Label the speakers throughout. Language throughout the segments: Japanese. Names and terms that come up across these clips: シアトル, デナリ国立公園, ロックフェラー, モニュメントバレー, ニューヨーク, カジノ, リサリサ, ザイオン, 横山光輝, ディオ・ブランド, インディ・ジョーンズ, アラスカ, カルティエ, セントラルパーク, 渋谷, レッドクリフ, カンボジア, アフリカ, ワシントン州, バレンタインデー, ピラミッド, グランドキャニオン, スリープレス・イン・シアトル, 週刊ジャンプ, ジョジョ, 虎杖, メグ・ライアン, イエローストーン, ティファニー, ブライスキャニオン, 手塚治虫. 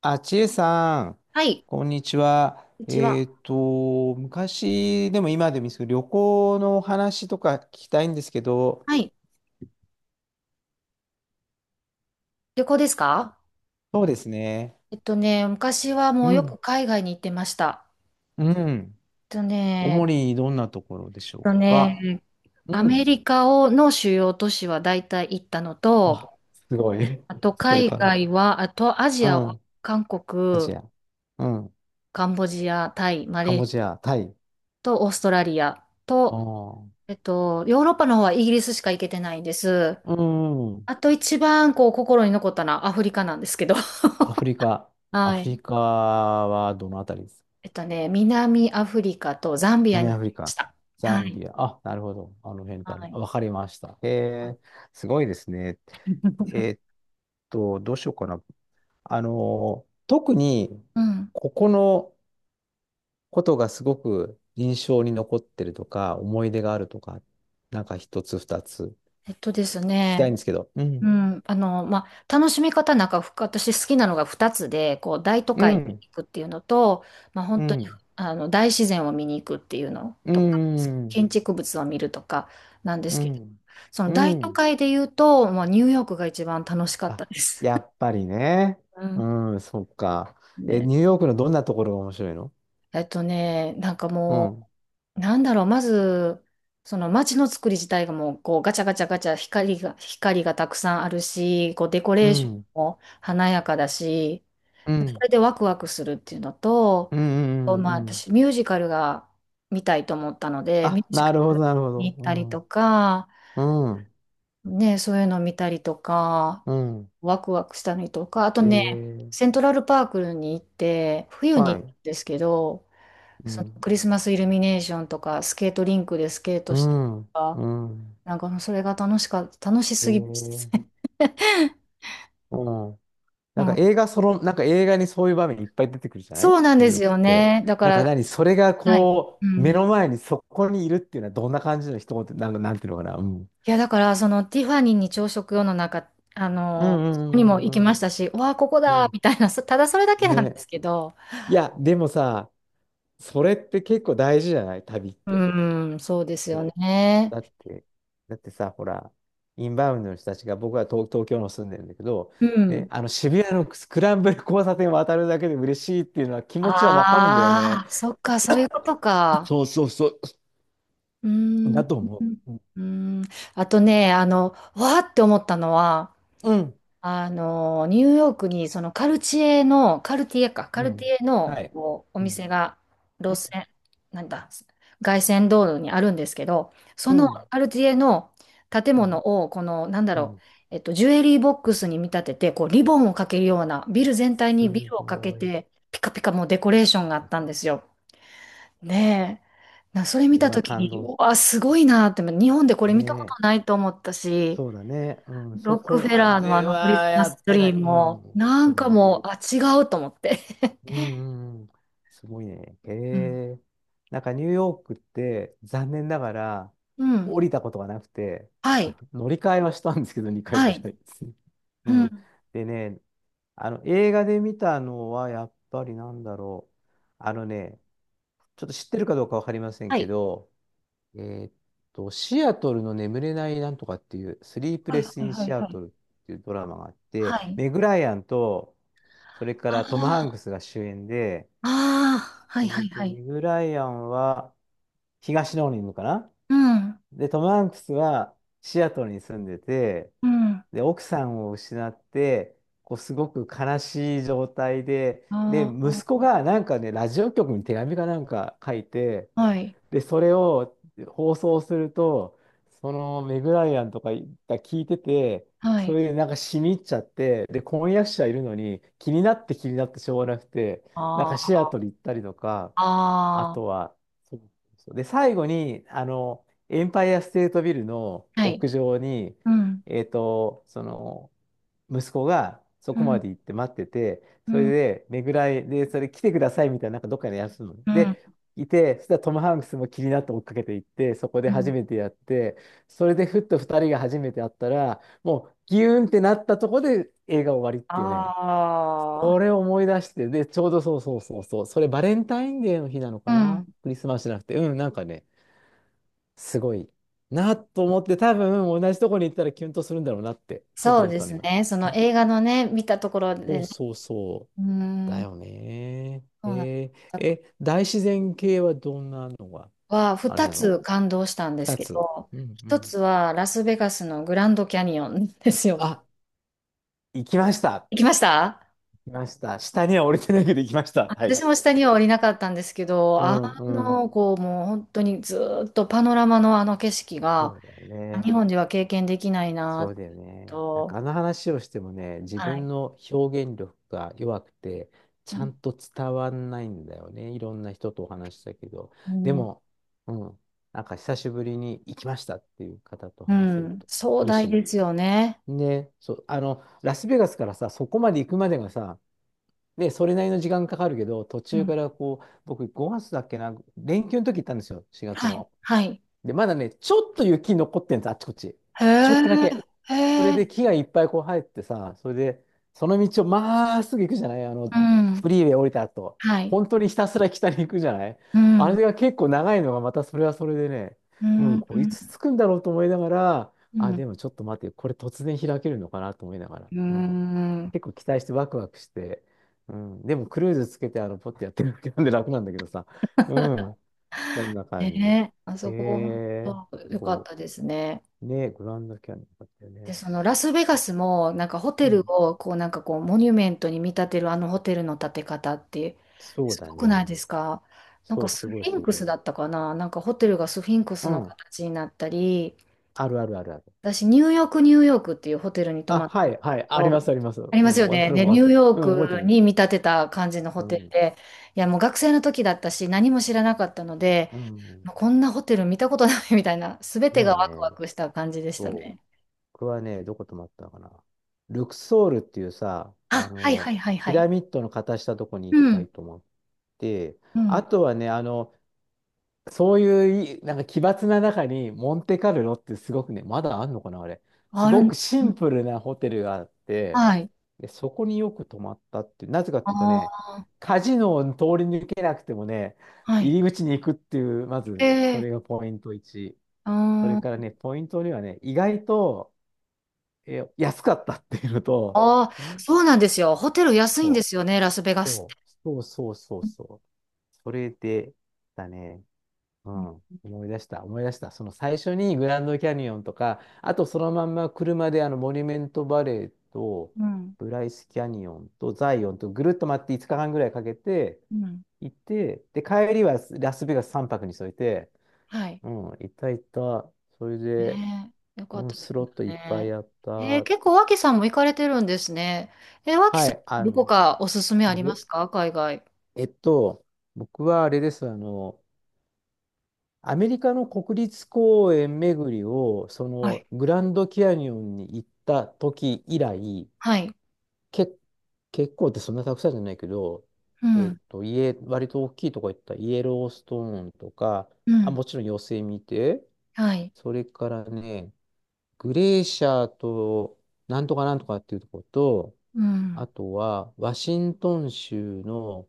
Speaker 1: あ、ちえさん、
Speaker 2: はい。
Speaker 1: こんにちは。
Speaker 2: うちは、
Speaker 1: 昔でも今でもいいですけど、旅行のお話とか聞きたいんですけど、
Speaker 2: はい。旅行ですか？
Speaker 1: そうですね。
Speaker 2: 昔は
Speaker 1: う
Speaker 2: もうよく
Speaker 1: ん、
Speaker 2: 海外に行ってました。
Speaker 1: うん。
Speaker 2: えっとね、え
Speaker 1: 主
Speaker 2: っ
Speaker 1: にどんなところでしょ
Speaker 2: と
Speaker 1: う
Speaker 2: ね、
Speaker 1: か。う
Speaker 2: アメ
Speaker 1: ん。
Speaker 2: リカをの主要都市は大体行ったの
Speaker 1: わ、
Speaker 2: と、
Speaker 1: すごい。
Speaker 2: あと
Speaker 1: それ
Speaker 2: 海
Speaker 1: から。
Speaker 2: 外は、あとア
Speaker 1: う
Speaker 2: ジアは
Speaker 1: ん。
Speaker 2: 韓
Speaker 1: ア
Speaker 2: 国、
Speaker 1: ジア。うん。
Speaker 2: カンボジア、タイ、マ
Speaker 1: カン
Speaker 2: レーシ
Speaker 1: ボジ
Speaker 2: ア
Speaker 1: ア、タイ。
Speaker 2: とオーストラリア
Speaker 1: あ
Speaker 2: と、
Speaker 1: あ。
Speaker 2: ヨーロッパの方はイギリスしか行けてないんです。
Speaker 1: うん。
Speaker 2: あと一番こう心に残ったのはアフリカなんですけど。
Speaker 1: アフリカ。ア
Speaker 2: は
Speaker 1: フリ
Speaker 2: い。
Speaker 1: カはどのあたりです？
Speaker 2: 南アフリカとザンビア
Speaker 1: 南
Speaker 2: に行き
Speaker 1: アフ
Speaker 2: ま
Speaker 1: リ
Speaker 2: し
Speaker 1: カ、
Speaker 2: た。
Speaker 1: ザ
Speaker 2: は
Speaker 1: ン
Speaker 2: い。
Speaker 1: ビア。あ、なるほど。あの辺だ
Speaker 2: は
Speaker 1: ね。
Speaker 2: い。
Speaker 1: あ、わかりました。へえ、すごいですね。え ーっどうしようかな。特に、
Speaker 2: うん。
Speaker 1: ここのことがすごく印象に残ってるとか、思い出があるとか、なんか一つ二つ聞
Speaker 2: えっとです
Speaker 1: きたい
Speaker 2: ね、
Speaker 1: んですけど。う
Speaker 2: う
Speaker 1: ん。
Speaker 2: ん。楽しみ方なんか、私好きなのが2つで、こう、大都
Speaker 1: う
Speaker 2: 会に
Speaker 1: ん。
Speaker 2: 行くっていうのと、
Speaker 1: う
Speaker 2: 本当に、
Speaker 1: ん。
Speaker 2: 大自然を見に行くっていうの
Speaker 1: う
Speaker 2: とか、
Speaker 1: ん。
Speaker 2: 建築物を見るとかなんで
Speaker 1: う
Speaker 2: すけど、
Speaker 1: ん。
Speaker 2: その
Speaker 1: う
Speaker 2: 大都
Speaker 1: ん。
Speaker 2: 会で言うと、ニューヨークが一番楽しかっ
Speaker 1: あ、
Speaker 2: たです。
Speaker 1: やっぱりね。
Speaker 2: うん。
Speaker 1: うん、そっ か。え、
Speaker 2: で、
Speaker 1: ニューヨークのどんなところが面白いの？
Speaker 2: なんか
Speaker 1: う
Speaker 2: も
Speaker 1: ん。
Speaker 2: う、なんだろう、まず、その街の作り自体がもう、こう、ガチャガチャガチャ、光がたくさんあるし、こう、デコ
Speaker 1: う
Speaker 2: レーション
Speaker 1: ん。
Speaker 2: も華やかだし、
Speaker 1: う
Speaker 2: そ
Speaker 1: ん。
Speaker 2: れでワクワクするっていうのと、
Speaker 1: うん。うん。うんうん、
Speaker 2: 私、ミュージカルが見たいと思ったので、ミュ
Speaker 1: あ、
Speaker 2: ージ
Speaker 1: な
Speaker 2: カ
Speaker 1: るほど、
Speaker 2: ル
Speaker 1: なるほ
Speaker 2: に行ったり
Speaker 1: ど。
Speaker 2: とか、
Speaker 1: うん。うん。
Speaker 2: ね、そういうの見たりとか、
Speaker 1: うん、
Speaker 2: ワクワクしたりとか、あと
Speaker 1: え
Speaker 2: ね、
Speaker 1: ー、
Speaker 2: セントラルパークに行って、冬に
Speaker 1: は
Speaker 2: 行った
Speaker 1: い。
Speaker 2: んですけど、
Speaker 1: う
Speaker 2: その
Speaker 1: ん。
Speaker 2: クリスマスイルミネーションとか、スケートリンクでスケート
Speaker 1: う
Speaker 2: したり
Speaker 1: ん。
Speaker 2: とか、
Speaker 1: うん。
Speaker 2: なんかもうそれが楽し
Speaker 1: え
Speaker 2: すぎまし
Speaker 1: ー、
Speaker 2: たね。
Speaker 1: うん。
Speaker 2: う
Speaker 1: なん
Speaker 2: ん、
Speaker 1: か映画、なんか映画にそういう場面いっぱい出てくるじゃない、ニ
Speaker 2: そうなん
Speaker 1: ュー
Speaker 2: で
Speaker 1: ヨ
Speaker 2: す
Speaker 1: ークっ
Speaker 2: よ
Speaker 1: て。
Speaker 2: ね。だか
Speaker 1: なんか
Speaker 2: ら、
Speaker 1: 何、それが
Speaker 2: はい。
Speaker 1: こ
Speaker 2: う
Speaker 1: う、目
Speaker 2: ん。い
Speaker 1: の前にそこにいるっていうのはどんな感じの一言、なんか、なんていうのかな。うん。
Speaker 2: や、だから、そのティファニーに朝食用の中、
Speaker 1: うん
Speaker 2: そこにも行き
Speaker 1: うんう
Speaker 2: ま
Speaker 1: ん
Speaker 2: したし、うわあ、ここ
Speaker 1: うん、う
Speaker 2: だ
Speaker 1: ん。
Speaker 2: みたいな、ただそれだ
Speaker 1: う
Speaker 2: け
Speaker 1: ん
Speaker 2: なんで
Speaker 1: ね。
Speaker 2: すけど、
Speaker 1: いや、でもさ、それって結構大事じゃない、旅って。
Speaker 2: うん、そうですよ
Speaker 1: ね、
Speaker 2: ね。
Speaker 1: だって、だってさ、ほら、インバウンドの人たちが、僕は東京の住んでるんだけど、
Speaker 2: う
Speaker 1: ね、
Speaker 2: ん。
Speaker 1: あの渋谷のスクランブル交差点を渡るだけで嬉しいっていうのは、気持ちはわかるんだよね。
Speaker 2: ああ、そっか、そういうことか。
Speaker 1: そうそうそう。
Speaker 2: うーん、う
Speaker 1: だと思う。
Speaker 2: ーん、あとね、わーって思ったのは、
Speaker 1: うん。
Speaker 2: ニューヨークにそのカルチエの、カルティエか、カ
Speaker 1: う
Speaker 2: ルテ
Speaker 1: ん。
Speaker 2: ィエの
Speaker 1: はい。
Speaker 2: こうお
Speaker 1: うん。
Speaker 2: 店が、
Speaker 1: う
Speaker 2: 路線、なんだ、凱旋道路にあるんですけど、そ
Speaker 1: ん。
Speaker 2: のカルティエの建
Speaker 1: うん。
Speaker 2: 物を、この、なんだ
Speaker 1: う
Speaker 2: ろう、
Speaker 1: ん、
Speaker 2: ジュエリーボックスに見立てて、こう、リボンをかけるような、ビル全体にビ
Speaker 1: す
Speaker 2: ルをかけ
Speaker 1: ごい。こ
Speaker 2: て、ピカピカもうデコレーションがあったんですよ。ねえ。それ見
Speaker 1: れ
Speaker 2: た
Speaker 1: は
Speaker 2: ときに、
Speaker 1: 感動
Speaker 2: う
Speaker 1: す
Speaker 2: わ、すご
Speaker 1: る。
Speaker 2: いなって、日本でこれ
Speaker 1: ね
Speaker 2: 見たことな
Speaker 1: え。
Speaker 2: いと思ったし、
Speaker 1: そうだね。うん。
Speaker 2: ロ
Speaker 1: そ
Speaker 2: ック
Speaker 1: こ
Speaker 2: フェ
Speaker 1: ま
Speaker 2: ラーのあ
Speaker 1: で
Speaker 2: のクリ
Speaker 1: は
Speaker 2: スマ
Speaker 1: や
Speaker 2: ス
Speaker 1: っ
Speaker 2: ツ
Speaker 1: てな
Speaker 2: リ
Speaker 1: い。
Speaker 2: ー
Speaker 1: う
Speaker 2: も、
Speaker 1: ん。
Speaker 2: な
Speaker 1: そ
Speaker 2: ん
Speaker 1: うだ
Speaker 2: か
Speaker 1: ね。
Speaker 2: もう、あ、違うと思って。
Speaker 1: うんうんうん。すごいね。へ
Speaker 2: うん。
Speaker 1: え。なんかニューヨークって残念ながら
Speaker 2: うん。
Speaker 1: 降りたことがなくて、
Speaker 2: は
Speaker 1: あ
Speaker 2: い。
Speaker 1: の乗り換えはしたんですけど、2回
Speaker 2: は
Speaker 1: ぐら
Speaker 2: い。
Speaker 1: いですね。
Speaker 2: う
Speaker 1: うん。
Speaker 2: ん。
Speaker 1: でね、あの映画で見たのはやっぱりなんだろう。あのね、ちょっと知ってるかどうかわかりません
Speaker 2: は
Speaker 1: け
Speaker 2: い。
Speaker 1: ど、えーっシアトルの眠れないなんとかっていう、スリープ
Speaker 2: はい
Speaker 1: レ
Speaker 2: は
Speaker 1: ス・イ
Speaker 2: い
Speaker 1: ン・
Speaker 2: はい
Speaker 1: シア
Speaker 2: は
Speaker 1: ト
Speaker 2: い。
Speaker 1: ルっていうドラマがあっ
Speaker 2: は
Speaker 1: て、
Speaker 2: い。
Speaker 1: メグ・ライアンと、それからトム・ハン
Speaker 2: あ
Speaker 1: クスが主演で、
Speaker 2: あ、ああ、は
Speaker 1: そ
Speaker 2: いは
Speaker 1: れ
Speaker 2: い
Speaker 1: で
Speaker 2: はい。
Speaker 1: メグ・ライアンは東の方に住むかな、
Speaker 2: うん。
Speaker 1: で、トム・ハンクスはシアトルに住んでて、
Speaker 2: うん。
Speaker 1: で、奥さんを失って、こうすごく悲しい状態で、で、
Speaker 2: あ
Speaker 1: 息子
Speaker 2: あ、
Speaker 1: がなんかね、ラジオ局に手紙かなんか書いて、
Speaker 2: はい。
Speaker 1: で、それを放送すると、そのメグライアンとかが聞いてて、
Speaker 2: は
Speaker 1: そ
Speaker 2: い。
Speaker 1: れでなんかしみ入っちゃって、で、婚約者いるのに気になって気になってしょうがなくて、なん
Speaker 2: あ
Speaker 1: かシア
Speaker 2: あ、
Speaker 1: トル行ったりとか、あ
Speaker 2: あ
Speaker 1: と
Speaker 2: あ、
Speaker 1: は、そうそうで、最後に、エンパイアステートビルの
Speaker 2: はい。
Speaker 1: 屋上に、
Speaker 2: うん。
Speaker 1: その、息子がそ
Speaker 2: う
Speaker 1: こま
Speaker 2: ん。
Speaker 1: で行って待ってて、
Speaker 2: う
Speaker 1: それ
Speaker 2: ん。
Speaker 1: で、ねぐらい、で、それ来てくださいみたいな、なんかどっかでやるの。
Speaker 2: うん。
Speaker 1: で、いて、そしたらトム・ハンクスも気になって追っかけていって、そこで
Speaker 2: うん。
Speaker 1: 初めてやって、それでふっと2人が初めて会ったら、もうギューンってなったとこで映画終わりっていうね、
Speaker 2: あ
Speaker 1: こ
Speaker 2: あ。
Speaker 1: れを思い出して、で、ちょうどそうそうそうそう、それバレンタインデーの日なの
Speaker 2: う
Speaker 1: か
Speaker 2: ん。
Speaker 1: な、クリスマスじゃなくて、うん、なんかね、すごいなと思って、多分同じとこに行ったらキュンとするんだろうなって、ちょっと
Speaker 2: そう
Speaker 1: 思っ
Speaker 2: で
Speaker 1: たの、
Speaker 2: す
Speaker 1: 今。
Speaker 2: ね。その映画のね、見たところで
Speaker 1: そう
Speaker 2: ね、
Speaker 1: そうそ
Speaker 2: うー
Speaker 1: う。だ
Speaker 2: ん、
Speaker 1: よね。
Speaker 2: そうなん
Speaker 1: えー、
Speaker 2: だ。
Speaker 1: え、大自然系はどんなのがあれ
Speaker 2: 二
Speaker 1: なの？
Speaker 2: つ感動したんです
Speaker 1: 二
Speaker 2: け
Speaker 1: つ。
Speaker 2: ど、
Speaker 1: うんう
Speaker 2: 一
Speaker 1: ん。
Speaker 2: つはラスベガスのグランドキャニオンですよ。
Speaker 1: あ、行きました。
Speaker 2: 行きました。
Speaker 1: 行きました。下には降りてないけど行きました。はい。
Speaker 2: 私も下には降りなかったんですけど、
Speaker 1: うんうん。
Speaker 2: こう、もう本当にずーっとパノラマのあの景色が、
Speaker 1: そうだよね。
Speaker 2: 日本では経験できない
Speaker 1: そ
Speaker 2: な
Speaker 1: うだよね。なん
Speaker 2: と、
Speaker 1: かあの話をしてもね、自
Speaker 2: は
Speaker 1: 分
Speaker 2: い。
Speaker 1: の表現力が弱くて、ちゃ
Speaker 2: う
Speaker 1: んと伝わんないんだよね。いろんな人とお話したけど。で
Speaker 2: ん、
Speaker 1: も、うん、なんか久しぶりに行きましたっていう方と
Speaker 2: う
Speaker 1: 話せる
Speaker 2: ん、
Speaker 1: と
Speaker 2: 壮
Speaker 1: 嬉
Speaker 2: 大
Speaker 1: し
Speaker 2: ですよね。
Speaker 1: い。ね、そう、ラスベガスからさ、そこまで行くまでがさ、で、それなりの時間かかるけど、途
Speaker 2: う
Speaker 1: 中
Speaker 2: ん、
Speaker 1: からこう、僕5月だっけな、連休の時行ったんですよ、4月
Speaker 2: はい、
Speaker 1: の。
Speaker 2: はい。
Speaker 1: で、まだね、ちょっと雪残ってんです、あっちこっち。
Speaker 2: へ
Speaker 1: ちょっ
Speaker 2: え、
Speaker 1: とだけ。それ
Speaker 2: へえ、
Speaker 1: で木がいっぱいこう生えてさ、それで、その道をまっすぐ行くじゃない、あの、
Speaker 2: うん、
Speaker 1: フリーウェイ降りた後。
Speaker 2: はい、
Speaker 1: 本当にひたすら北に行くじゃない、
Speaker 2: う
Speaker 1: あ
Speaker 2: ん、
Speaker 1: れが結構長いのがまたそれはそれでね、
Speaker 2: う
Speaker 1: う
Speaker 2: ん、
Speaker 1: ん、
Speaker 2: う
Speaker 1: これいつ
Speaker 2: ん、
Speaker 1: 着くんだろうと思いながら、
Speaker 2: う
Speaker 1: あ、
Speaker 2: ん、
Speaker 1: でもちょっと待って、これ突然開けるのかなと思いながら。
Speaker 2: う
Speaker 1: うん、
Speaker 2: ん、
Speaker 1: 結構期待してワクワクして。うん、でもクルーズつけてあのポッてやってるだけなんで楽なんだけどさ。う、そんな感じ。
Speaker 2: ねえ、あ
Speaker 1: へ
Speaker 2: そこ、
Speaker 1: え、
Speaker 2: 本かっ
Speaker 1: そ
Speaker 2: たですね。
Speaker 1: う。ね、グランドキャニオンだったよ
Speaker 2: で、
Speaker 1: ね。
Speaker 2: そのラスベガスも、なんかホ
Speaker 1: う
Speaker 2: テル
Speaker 1: ん。
Speaker 2: を、こう、なんかこう、モニュメントに見立てるあのホテルの建て方って、
Speaker 1: そう
Speaker 2: す
Speaker 1: だ
Speaker 2: ごくない
Speaker 1: ね。
Speaker 2: ですか？なん
Speaker 1: そ
Speaker 2: か
Speaker 1: う、す
Speaker 2: スフ
Speaker 1: ごい
Speaker 2: ィ
Speaker 1: す
Speaker 2: ンク
Speaker 1: ご
Speaker 2: ス
Speaker 1: い。
Speaker 2: だったかな、なんかホテルがスフィンクス
Speaker 1: う
Speaker 2: の
Speaker 1: ん。
Speaker 2: 形になったり、
Speaker 1: あるあるあるある。
Speaker 2: 私、ニューヨーク、ニューヨークっていうホテルに泊
Speaker 1: あ、
Speaker 2: まっ
Speaker 1: は
Speaker 2: たんです
Speaker 1: い、
Speaker 2: け
Speaker 1: はい。ありま
Speaker 2: ど、
Speaker 1: す、あります。
Speaker 2: あり
Speaker 1: う
Speaker 2: ます
Speaker 1: ん。
Speaker 2: よ
Speaker 1: ワント
Speaker 2: ね。
Speaker 1: ラッ
Speaker 2: で、
Speaker 1: ク忘
Speaker 2: ニ
Speaker 1: れ
Speaker 2: ュー
Speaker 1: て
Speaker 2: ヨー
Speaker 1: た、うん、覚えて
Speaker 2: ク
Speaker 1: る。
Speaker 2: に見立てた感じの
Speaker 1: う
Speaker 2: ホテル
Speaker 1: ん。
Speaker 2: で、いや、もう学生の時だったし、何も知らなかったので、
Speaker 1: うん。
Speaker 2: もうこんなホテル見たことない みたいな、すべ
Speaker 1: だ
Speaker 2: てが
Speaker 1: よ
Speaker 2: ワクワ
Speaker 1: ね。
Speaker 2: クした感じでした
Speaker 1: そう。
Speaker 2: ね。
Speaker 1: 僕はね、どこ泊まったのかな。ルクソールっていうさ、
Speaker 2: あ、はいはいはい
Speaker 1: ピ
Speaker 2: は
Speaker 1: ラ
Speaker 2: い。
Speaker 1: ミッドの形したとこに
Speaker 2: う
Speaker 1: 一回
Speaker 2: ん、
Speaker 1: 泊まって、
Speaker 2: う
Speaker 1: あ
Speaker 2: ん。
Speaker 1: とはね、そういうい、なんか奇抜な中に、モンテカルロってすごくね、まだあんのかな、あれ。す
Speaker 2: ある
Speaker 1: ご
Speaker 2: ん、
Speaker 1: くシ
Speaker 2: うん、
Speaker 1: ンプルなホテルがあって、
Speaker 2: はい。
Speaker 1: で、そこによく泊まったってなぜかっていうとね、
Speaker 2: あ
Speaker 1: カジノを通り抜けなくてもね、
Speaker 2: あ、はい。
Speaker 1: 入り口に行くっていう、ま
Speaker 2: え
Speaker 1: ず、そ
Speaker 2: え、
Speaker 1: れがポイント1。それから
Speaker 2: あ
Speaker 1: ね、ポイント2はね、意外と、え、安かったっていうのと、
Speaker 2: あー、そうなんですよ。ホテル安いんで
Speaker 1: そ
Speaker 2: すよね、ラスベガ
Speaker 1: う、
Speaker 2: スって。
Speaker 1: そう、そうそうそう
Speaker 2: う
Speaker 1: そう。それで、だね。う
Speaker 2: ん、
Speaker 1: ん、思い出した、思い出した。その最初にグランドキャニオンとか、あとそのまんま車であのモニュメントバレーと、
Speaker 2: うん、
Speaker 1: ブライスキャニオンとザイオンとぐるっと回って5日間ぐらいかけて
Speaker 2: うん。
Speaker 1: 行って、で、帰りはラスベガス3泊に添えて、
Speaker 2: はい。
Speaker 1: うん、行った行った。それで、
Speaker 2: ねえ、よかっ
Speaker 1: うん、
Speaker 2: たで
Speaker 1: ス
Speaker 2: す
Speaker 1: ロ
Speaker 2: ね。
Speaker 1: ットいっぱいやったっ
Speaker 2: 結
Speaker 1: て。
Speaker 2: 構、脇さんも行かれてるんですね。脇
Speaker 1: は
Speaker 2: さ
Speaker 1: い、
Speaker 2: ん、どこかおすすめあります
Speaker 1: 僕
Speaker 2: か、海外？
Speaker 1: えっと、僕はあれです、アメリカの国立公園巡りを、そ
Speaker 2: は
Speaker 1: の
Speaker 2: い。
Speaker 1: グランドキャニオンに行った時以来、
Speaker 2: はい。
Speaker 1: け、結構ってそんなたくさんじゃないけど、
Speaker 2: うん。
Speaker 1: 家、割と大きいとこ行った、イエローストーンとか、
Speaker 2: う
Speaker 1: あ、
Speaker 2: ん。
Speaker 1: もちろんヨセミテ、
Speaker 2: はい。
Speaker 1: それからね、グレーシャーと、なんとかなんとかっていうとこと、
Speaker 2: うん。
Speaker 1: あとは、ワシントン州の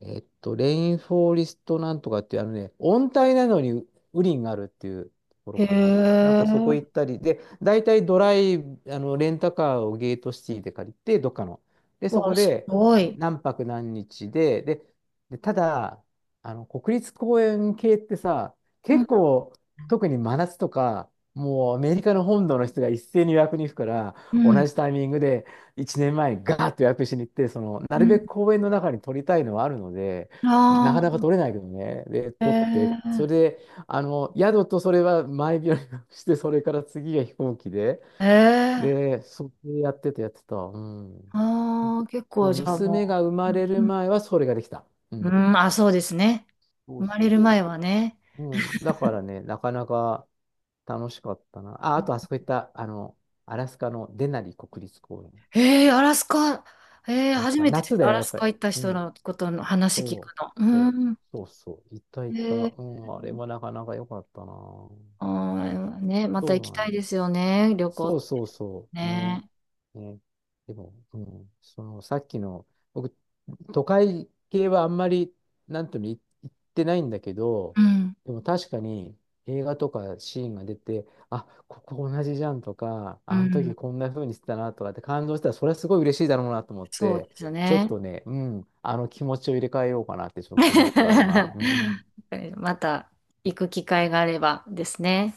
Speaker 1: レインフォーリストなんとかっていう、あのね、温帯なのに雨林があるっていうところ
Speaker 2: へ
Speaker 1: かな。なんかそこ
Speaker 2: え。
Speaker 1: 行ったり、で、大体ドライ、レンタカーをゲートシティで借りて、どっかの。で、そ
Speaker 2: わ、
Speaker 1: こ
Speaker 2: す
Speaker 1: で
Speaker 2: ごい。
Speaker 1: 何泊何日で、で、で、ただ、国立公園系ってさ、
Speaker 2: うん。
Speaker 1: 結構、特に真夏とか、もうアメリカの本土の人が一斉に予約に行くから、
Speaker 2: う
Speaker 1: 同
Speaker 2: ん。
Speaker 1: じタイミングで、1年前にガーッと予約しに行って、その、な
Speaker 2: う
Speaker 1: るべ
Speaker 2: ん。
Speaker 1: く公園の中に撮りたいのはあるので、なかなか
Speaker 2: あ
Speaker 1: 撮れないけどね。で、
Speaker 2: あ、え
Speaker 1: 撮って、それ
Speaker 2: え。
Speaker 1: で、宿とそれは前日の予約して、それから次が飛行機で、
Speaker 2: ええ。
Speaker 1: で、それでやってた、やってた。うん。
Speaker 2: ああ、結
Speaker 1: もう
Speaker 2: 構、じゃあ
Speaker 1: 娘
Speaker 2: も
Speaker 1: が生
Speaker 2: う。
Speaker 1: まれる
Speaker 2: うん。
Speaker 1: 前はそれができた。う
Speaker 2: う
Speaker 1: ん。
Speaker 2: ん、あ、そうですね。
Speaker 1: そ
Speaker 2: 生
Speaker 1: う
Speaker 2: まれ
Speaker 1: そう
Speaker 2: る前
Speaker 1: そ
Speaker 2: はね。
Speaker 1: う。うん。だからね、なかなか楽しかったな。あ、あとあそこ行った、アラスカのデナリ国立公園。
Speaker 2: アラスカ、
Speaker 1: アラス
Speaker 2: 初
Speaker 1: カ、
Speaker 2: めて
Speaker 1: 夏だ
Speaker 2: ア
Speaker 1: よ、
Speaker 2: ラ
Speaker 1: やっ
Speaker 2: ス
Speaker 1: ぱ
Speaker 2: カ
Speaker 1: り。
Speaker 2: 行った
Speaker 1: う
Speaker 2: 人
Speaker 1: ん。
Speaker 2: のことの話聞
Speaker 1: そう、
Speaker 2: くの。
Speaker 1: そう、
Speaker 2: うん。
Speaker 1: そうそう、いた
Speaker 2: え
Speaker 1: いた。
Speaker 2: ー、
Speaker 1: うん、あれはなかなか良かったな。そ
Speaker 2: あーね、また
Speaker 1: う
Speaker 2: 行き
Speaker 1: な
Speaker 2: た
Speaker 1: ん
Speaker 2: い
Speaker 1: で
Speaker 2: で
Speaker 1: す。
Speaker 2: すよね、旅行っ
Speaker 1: そう
Speaker 2: て
Speaker 1: そうそうね。
Speaker 2: ね。
Speaker 1: ね。でも、うん、そのさっきの、僕、都会系はあんまり、なんとも言ってないんだけど、
Speaker 2: うん、
Speaker 1: でも確かに映画とかシーンが出て、あ、ここ同じじゃんとか、
Speaker 2: う
Speaker 1: あの時
Speaker 2: ん、
Speaker 1: こんな風にしてたなとかって感動したら、それはすごい嬉しいだろうなと思っ
Speaker 2: そうで
Speaker 1: て、
Speaker 2: す
Speaker 1: ちょっ
Speaker 2: ね。
Speaker 1: とね、うん、あの気持ちを入れ替えようかなってちょっと思った、今。うん。
Speaker 2: また行く機会があればですね。